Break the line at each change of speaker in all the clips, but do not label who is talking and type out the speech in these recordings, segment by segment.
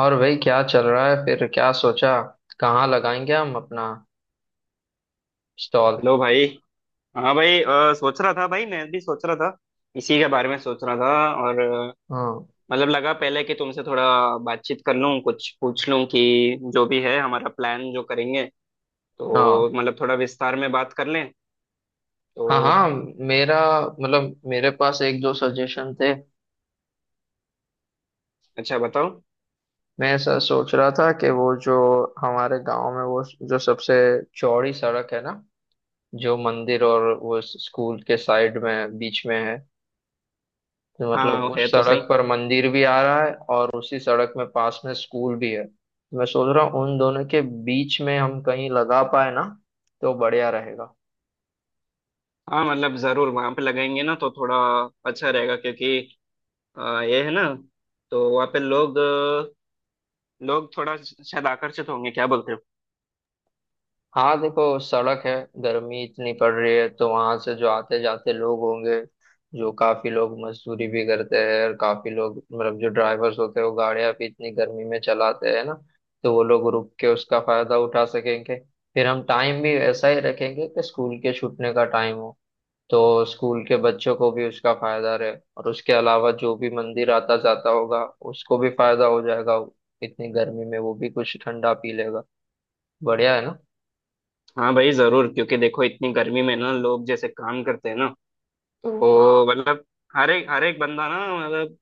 और भाई, क्या चल रहा है? फिर क्या सोचा? कहाँ लगाएंगे हम अपना स्टॉल?
हेलो भाई। हाँ भाई, सोच रहा था भाई, मैं भी सोच रहा था, इसी के बारे में सोच रहा था। और
हाँ।
मतलब लगा पहले कि तुमसे थोड़ा बातचीत कर लूँ, कुछ पूछ लूँ कि जो भी है हमारा प्लान जो करेंगे,
हाँ।
तो मतलब थोड़ा विस्तार में बात कर लें तो।
हाँ। हाँ। मेरा मतलब, मेरे पास एक दो सजेशन थे।
अच्छा, बताओ।
मैं ऐसा सोच रहा था कि वो जो हमारे गांव में वो जो सबसे चौड़ी सड़क है ना, जो मंदिर और वो स्कूल के साइड में बीच में है। तो
हाँ,
मतलब
वो है
उस
तो सही।
सड़क पर मंदिर भी आ रहा है और उसी सड़क में पास में स्कूल भी है। मैं सोच रहा हूँ उन दोनों के बीच में हम कहीं लगा पाए ना तो बढ़िया रहेगा।
हाँ, मतलब ज़रूर वहाँ पे लगाएंगे ना, तो थोड़ा अच्छा रहेगा, क्योंकि ये है ना, तो वहाँ पे लोग थोड़ा शायद आकर्षित होंगे। क्या बोलते हो?
हाँ, देखो, सड़क है। गर्मी इतनी पड़ रही है तो वहां से जो आते जाते लोग होंगे, जो काफी लोग मजदूरी भी करते हैं, और काफी लोग मतलब जो ड्राइवर्स होते हैं वो गाड़ियां भी इतनी गर्मी में चलाते हैं ना, तो वो लोग रुक के उसका फायदा उठा सकेंगे। फिर हम टाइम भी ऐसा ही रखेंगे कि स्कूल के छूटने का टाइम हो, तो स्कूल के बच्चों को भी उसका फायदा रहे, और उसके अलावा जो भी मंदिर आता जाता होगा उसको भी फायदा हो जाएगा। इतनी गर्मी में वो भी कुछ ठंडा पी लेगा। बढ़िया है ना।
हाँ भाई, जरूर, क्योंकि देखो इतनी गर्मी में ना लोग जैसे काम करते हैं ना, तो मतलब हर एक बंदा ना, मतलब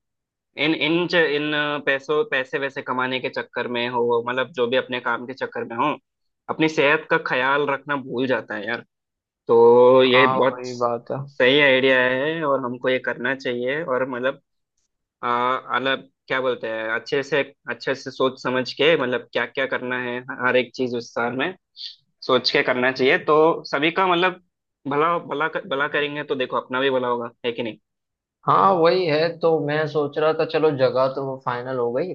इन इन च- इन पैसों पैसे वैसे कमाने के चक्कर में हो, मतलब जो भी अपने काम के चक्कर में हो, अपनी सेहत का ख्याल रखना भूल जाता है यार। तो ये
हाँ,
बहुत
वही बात है।
सही आइडिया है और हमको ये करना चाहिए, और मतलब। हाँ, मतलब क्या बोलते हैं, अच्छे से सोच समझ के, मतलब क्या क्या करना है, हर एक चीज उस साल में सोच के करना चाहिए, तो सभी का मतलब भला भला भला करेंगे तो देखो, अपना भी भला होगा, है कि नहीं।
हाँ वही है, तो मैं सोच रहा था चलो जगह तो वो फाइनल हो गई।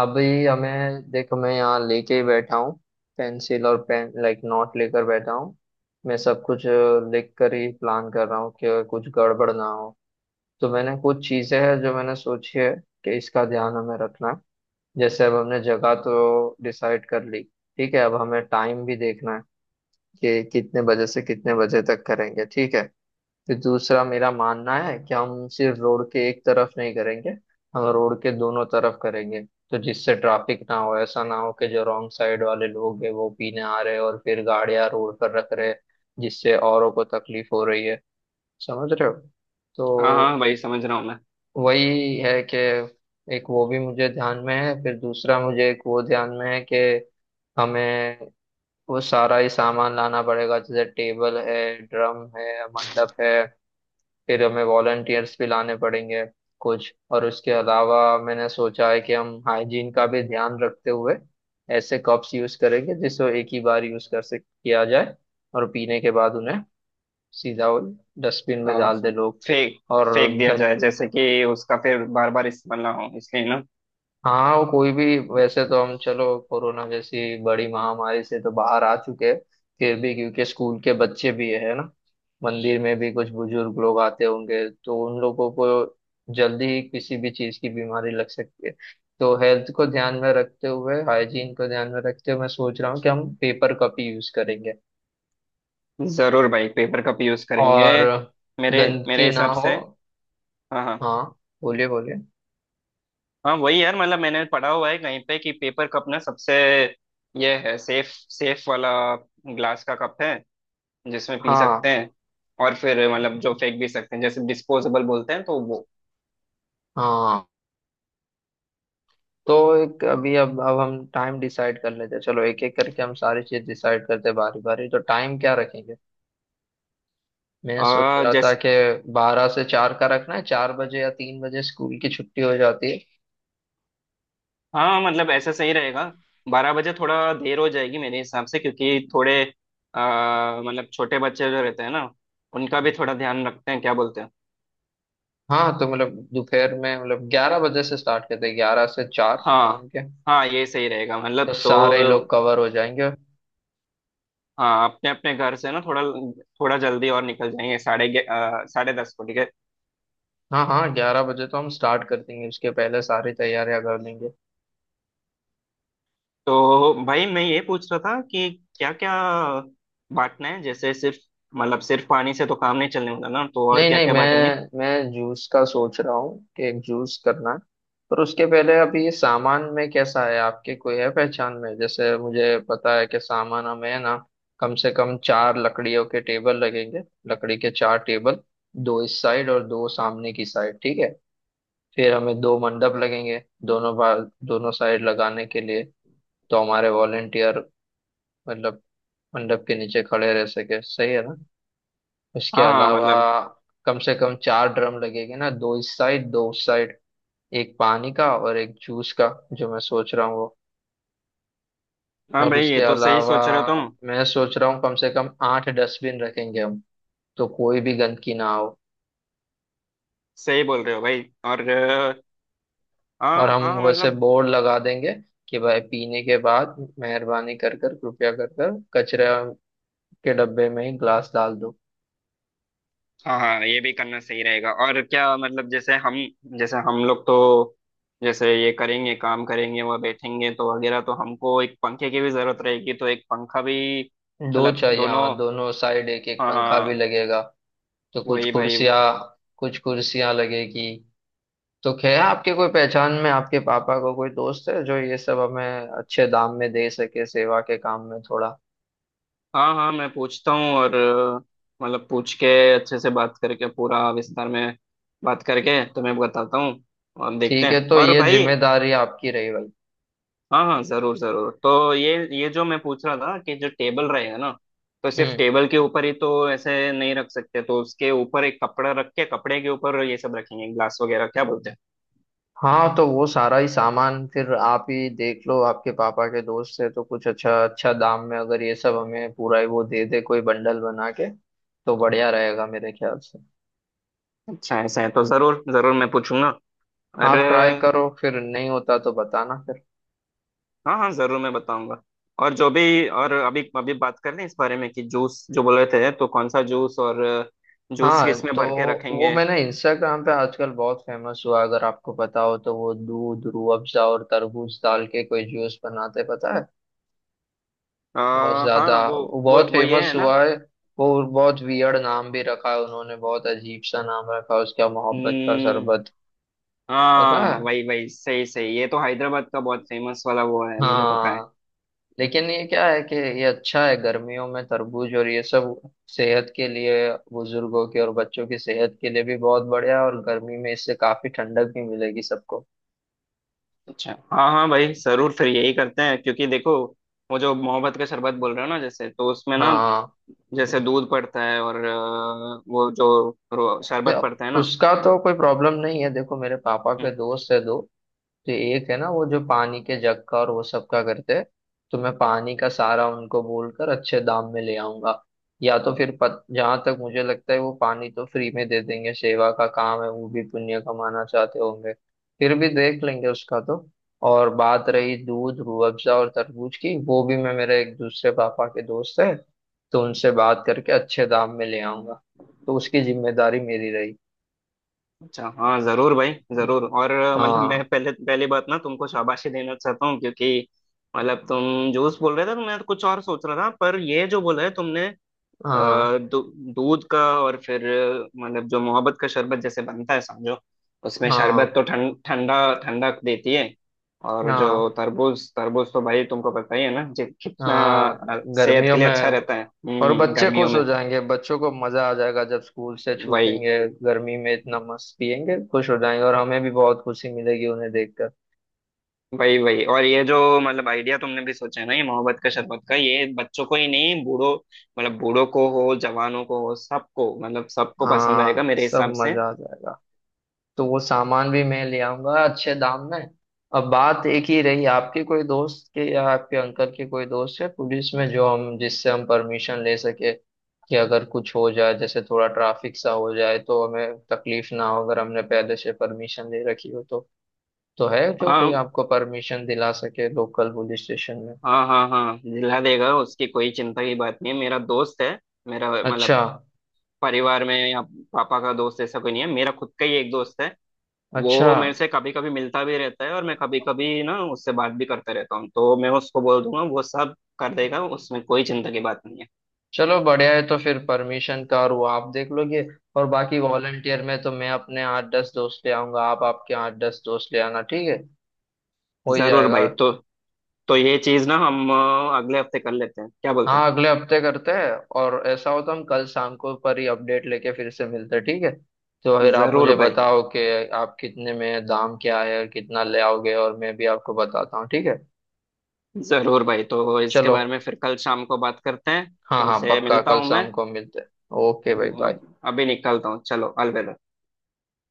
अभी हमें देखो, मैं यहाँ लेके ही बैठा हूँ, पेंसिल और पेन लाइक नोट लेकर बैठा हूँ। मैं सब कुछ लिख कर ही प्लान कर रहा हूँ कि कुछ गड़बड़ ना हो। तो मैंने कुछ चीजें हैं जो मैंने सोची है कि इसका ध्यान हमें रखना है। जैसे अब हमने जगह तो डिसाइड कर ली, ठीक है। अब हमें टाइम भी देखना है कि कितने बजे से कितने बजे तक करेंगे, ठीक है। फिर दूसरा मेरा मानना है कि हम सिर्फ रोड के एक तरफ नहीं करेंगे, हम रोड के दोनों तरफ करेंगे, तो जिससे ट्रैफिक ना हो। ऐसा ना हो कि जो रॉन्ग साइड वाले लोग हैं वो पीने आ रहे हैं और फिर गाड़ियां रोड पर रख रहे हैं, जिससे औरों को तकलीफ हो रही है। समझ रहे हो?
हाँ हाँ,
तो
वही समझ रहा हूँ मैं।
वही है कि एक वो भी मुझे ध्यान में है, फिर दूसरा मुझे एक वो ध्यान में है कि हमें वो सारा ही सामान लाना पड़ेगा, जैसे टेबल है, ड्रम है, मंडप है। फिर हमें वॉलंटियर्स भी लाने पड़ेंगे। कुछ और उसके अलावा मैंने सोचा है कि हम हाइजीन का भी ध्यान रखते हुए ऐसे कप्स यूज करेंगे जिसको एक ही बार यूज कर सक किया जाए, और पीने के बाद उन्हें सीधा डस्टबिन में
हाँ,
डाल दे लोग।
फेंक
और
फेंक दिया
गंद।
जाए, जैसे कि उसका फिर बार बार इस्तेमाल ना हो, इसलिए ना।
हाँ, वो कोई भी, वैसे तो हम चलो कोरोना जैसी बड़ी महामारी से तो बाहर आ चुके हैं, फिर भी क्योंकि स्कूल के बच्चे भी है ना, मंदिर में भी कुछ बुजुर्ग लोग आते होंगे तो उन लोगों को जल्दी ही किसी भी चीज की बीमारी लग सकती है। तो हेल्थ को ध्यान में रखते हुए, हाइजीन को ध्यान में रखते हुए, मैं सोच रहा हूँ कि हम पेपर कप ही यूज करेंगे,
जरूर भाई, पेपर कप यूज करेंगे।
और
मेरे मेरे
गंदगी ना
हिसाब
हो।
से। हाँ हाँ,
हाँ। बोलिए बोलिए।
हाँ वही यार, मतलब मैंने पढ़ा हुआ है कहीं पे कि पेपर कप ना सबसे ये है, सेफ सेफ वाला ग्लास का कप है जिसमें पी
हाँ
सकते हैं। और फिर मतलब जो फेंक भी सकते हैं, जैसे डिस्पोजेबल बोलते हैं, तो वो।
हाँ। तो एक अभी अब हम टाइम डिसाइड कर लेते हैं। चलो, एक एक करके हम सारी चीज डिसाइड करते हैं, बारी बारी। तो टाइम क्या रखेंगे? मैं सोच
आ,
रहा था
जैस
कि 12 से 4 का रखना है। 4 बजे या 3 बजे स्कूल की छुट्टी हो जाती है।
हाँ, मतलब ऐसा सही रहेगा। 12 बजे थोड़ा देर हो जाएगी मेरे हिसाब से, क्योंकि थोड़े मतलब छोटे बच्चे जो रहते हैं ना, उनका भी थोड़ा ध्यान रखते हैं। क्या बोलते हैं?
हाँ, तो मतलब दोपहर में, मतलब 11 बजे से स्टार्ट करते हैं। 11 से 4
हाँ
शाम के,
हाँ, ये सही रहेगा
तो
मतलब
सारे
तो।
लोग कवर हो जाएंगे।
हाँ, अपने अपने घर से ना थोड़ा थोड़ा जल्दी और निकल जाएंगे, 10:30 को। ठीक है?
हाँ हाँ, 11 बजे तो हम स्टार्ट कर देंगे, उसके पहले सारी तैयारियां कर लेंगे।
तो भाई, मैं ये पूछ रहा था कि क्या क्या बांटना है, जैसे सिर्फ मतलब सिर्फ पानी से तो काम नहीं चलने वाला ना, तो और
नहीं
क्या
नहीं,
क्या बांटेंगे?
मैं जूस का सोच रहा हूँ कि एक जूस करना है। पर उसके पहले अभी ये सामान में कैसा है? आपके कोई है पहचान में? जैसे मुझे पता है कि सामान हमें है ना। कम से कम चार लकड़ियों के टेबल लगेंगे, लकड़ी के चार टेबल, दो इस साइड और दो सामने की साइड, ठीक है। फिर हमें दो मंडप लगेंगे, दोनों बार दोनों साइड लगाने के लिए, तो हमारे वॉलेंटियर मतलब मंडप के नीचे खड़े रह सके, सही है ना। उसके
हाँ हाँ,
अलावा
मतलब।
कम से कम चार ड्रम लगेंगे ना, दो इस साइड दो उस साइड, एक पानी का और एक जूस का, जो मैं सोच रहा हूँ वो।
हाँ
और
भाई,
उसके
ये तो सही
अलावा
सोच रहे हो तुम।
मैं सोच रहा हूँ कम से कम आठ डस्टबिन रखेंगे हम, तो कोई भी गंदगी ना हो।
सही बोल रहे हो भाई, और
और
हाँ
हम
हाँ,
वैसे
मतलब।
बोर्ड लगा देंगे कि भाई, पीने के बाद मेहरबानी कर कर कृपया कर कर कचरे के डब्बे में ही ग्लास डाल दो।
हाँ हाँ, ये भी करना सही रहेगा। और क्या, मतलब जैसे हम, जैसे हम लोग तो, जैसे ये करेंगे, काम करेंगे, वह बैठेंगे तो वगैरह, तो हमको एक पंखे की भी जरूरत रहेगी, तो एक पंखा भी।
दो
मतलब
चाहिए।
दोनों।
हाँ, दोनों साइड एक एक
हाँ
पंखा भी
हाँ।
लगेगा। तो कुछ
वही भाई।
कुर्सियाँ, कुछ कुर्सियाँ लगेगी। तो क्या आपके कोई पहचान में, आपके पापा को कोई दोस्त है जो ये सब हमें अच्छे दाम में दे सके, सेवा के काम में थोड़ा।
हाँ हाँ, मैं पूछता हूँ। और मतलब पूछ के, अच्छे से बात करके, पूरा विस्तार में बात करके, तुम्हें बताता हूँ, और देखते
ठीक है,
हैं।
तो
और
ये
भाई।
जिम्मेदारी आपकी रही भाई।
हाँ हाँ, जरूर जरूर, तो ये जो मैं पूछ रहा था कि जो टेबल रहेगा ना, तो सिर्फ
हम्म।
टेबल के ऊपर ही तो ऐसे नहीं रख सकते, तो उसके ऊपर एक कपड़ा रख के, कपड़े के ऊपर ये सब रखेंगे, ग्लास वगैरह। क्या बोलते हैं?
हाँ, तो वो सारा ही सामान फिर आप ही देख लो। आपके पापा के दोस्त है तो कुछ अच्छा, अच्छा दाम में, अगर ये सब हमें पूरा ही वो दे दे कोई बंडल बना के, तो बढ़िया रहेगा मेरे ख्याल से।
अच्छा, ऐसा है तो जरूर जरूर मैं पूछूंगा। अरे।
आप ट्राई करो, फिर नहीं होता तो बताना।
हाँ हाँ, जरूर मैं बताऊंगा। और जो भी, और अभी अभी बात कर लें इस बारे में कि जूस जो बोल रहे थे, तो कौन सा जूस? और जूस
हाँ,
किस में
तो
भर के
वो
रखेंगे?
मैंने इंस्टाग्राम पे आजकल बहुत फेमस हुआ, अगर आपको पता हो तो, वो दूध रूह अफ़ज़ा और तरबूज डाल के कोई जूस बनाते, पता है?
आ,
बहुत ज्यादा,
हाँ, वो
वो
वो
बहुत
वो ये
फेमस
है
हुआ है। वो बहुत वियर्ड नाम भी रखा है उन्होंने, बहुत अजीब सा नाम रखा है उसका,
ना।
मोहब्बत का शरबत।
हाँ,
पता है।
वही वही सही सही, ये तो हैदराबाद का बहुत फेमस वाला वो है, मुझे पता है।
हाँ। लेकिन ये क्या है कि ये अच्छा है गर्मियों में तरबूज और ये सब, सेहत के लिए। बुजुर्गों के और बच्चों की सेहत के लिए भी बहुत बढ़िया है, और गर्मी में इससे काफी ठंडक भी मिलेगी सबको।
अच्छा, हाँ हाँ भाई, जरूर फिर यही करते हैं, क्योंकि देखो वो जो मोहब्बत का शरबत बोल रहे हो ना, जैसे तो उसमें ना,
हाँ।
जैसे दूध पड़ता है और वो जो शरबत
देखो,
पड़ता है ना।
उसका तो कोई प्रॉब्लम नहीं है। देखो, मेरे पापा
हम्म।
के दोस्त है दो। तो एक है ना, वो जो पानी के जग का और वो सब का करते हैं, तो मैं पानी का सारा उनको बोलकर अच्छे दाम में ले आऊंगा। या तो फिर जहां तक मुझे लगता है वो पानी तो फ्री में दे देंगे। सेवा का काम है, वो भी पुण्य कमाना चाहते होंगे। फिर भी देख लेंगे उसका तो। और बात रही दूध रूह अफ़ज़ा और तरबूज की, वो भी मैं, मेरे एक दूसरे पापा के दोस्त है, तो उनसे बात करके अच्छे दाम में ले आऊंगा। तो उसकी जिम्मेदारी मेरी रही।
अच्छा, हाँ जरूर भाई जरूर। और मतलब मैं
हाँ।
पहले पहली बात ना तुमको शाबाशी देना चाहता हूँ, क्योंकि मतलब तुम जूस बोल रहे थे तो मैं कुछ और सोच रहा था, पर ये जो बोला है तुमने, अ,
हाँ।
दू- दूध का और फिर, मतलब जो मोहब्बत का शरबत जैसे बनता है समझो, उसमें शरबत
हाँ।
तो ठंडा ठंडक देती है। और जो
हाँ।
तरबूज तरबूज तो भाई, तुमको पता ही है ना जी कितना
हाँ।
सेहत
गर्मियों
के लिए
में
अच्छा रहता है,
और बच्चे
गर्मियों
खुश
में।
हो जाएंगे, बच्चों को मजा आ जाएगा जब स्कूल से
वही
छूटेंगे। गर्मी में इतना मस्त पियेंगे, खुश हो जाएंगे, और हमें भी बहुत खुशी मिलेगी उन्हें देखकर।
वही वही, और ये जो मतलब आइडिया तुमने भी सोचा है ना, ये मोहब्बत का शरबत का, ये बच्चों को ही नहीं बूढ़ों, मतलब बूढ़ों को हो, जवानों को हो, सबको, मतलब सबको पसंद आएगा
हाँ,
मेरे
सब
हिसाब से।
मजा आ जाएगा। तो वो सामान भी मैं ले आऊंगा अच्छे दाम में। अब बात एक ही रही, आपके कोई दोस्त के या आपके अंकल के कोई दोस्त है पुलिस में, जो हम, जिससे हम परमिशन ले सके कि अगर कुछ हो जाए जैसे थोड़ा ट्रैफिक सा हो जाए तो हमें तकलीफ ना हो, अगर हमने पहले से परमिशन ले रखी हो तो। तो है जो कोई
हाँ
आपको परमिशन दिला सके लोकल पुलिस स्टेशन में?
हाँ हाँ हाँ, दिला देगा, उसकी कोई चिंता की बात नहीं है, मेरा दोस्त है। मेरा
अच्छा।
मतलब परिवार में या पापा का दोस्त ऐसा कोई नहीं है, मेरा खुद का ही एक दोस्त है।
अच्छा।
वो मेरे से कभी कभी मिलता भी रहता है, और मैं कभी कभी ना उससे बात भी करता रहता हूँ, तो मैं उसको बोल दूंगा, वो सब कर देगा, उसमें कोई चिंता की बात नहीं है।
चलो बढ़िया है। तो फिर परमिशन का और वो आप देख लोगे, और बाकी वॉलंटियर में तो मैं अपने आठ दस दोस्त ले आऊंगा, आप आपके आठ दस दोस्त ले आना, ठीक है। हो ही
जरूर
जाएगा।
भाई, तो ये चीज ना हम अगले हफ्ते कर लेते हैं। क्या बोलते
हाँ, अगले हफ्ते करते हैं। और ऐसा हो तो हम कल शाम को पर ही अपडेट लेके फिर से मिलते हैं, ठीक है। तो
हैं?
फिर आप
जरूर
मुझे
भाई
बताओ कि आप कितने में, दाम क्या है और कितना ले आओगे, और मैं भी आपको बताता हूँ, ठीक है।
जरूर भाई, तो इसके
चलो।
बारे में फिर कल शाम को बात करते हैं।
हाँ हाँ,
तुमसे
पक्का
मिलता
कल
हूँ मैं।
शाम को मिलते हैं। ओके भाई,
अब
बाय।
अभी निकलता हूँ, चलो अलविदा।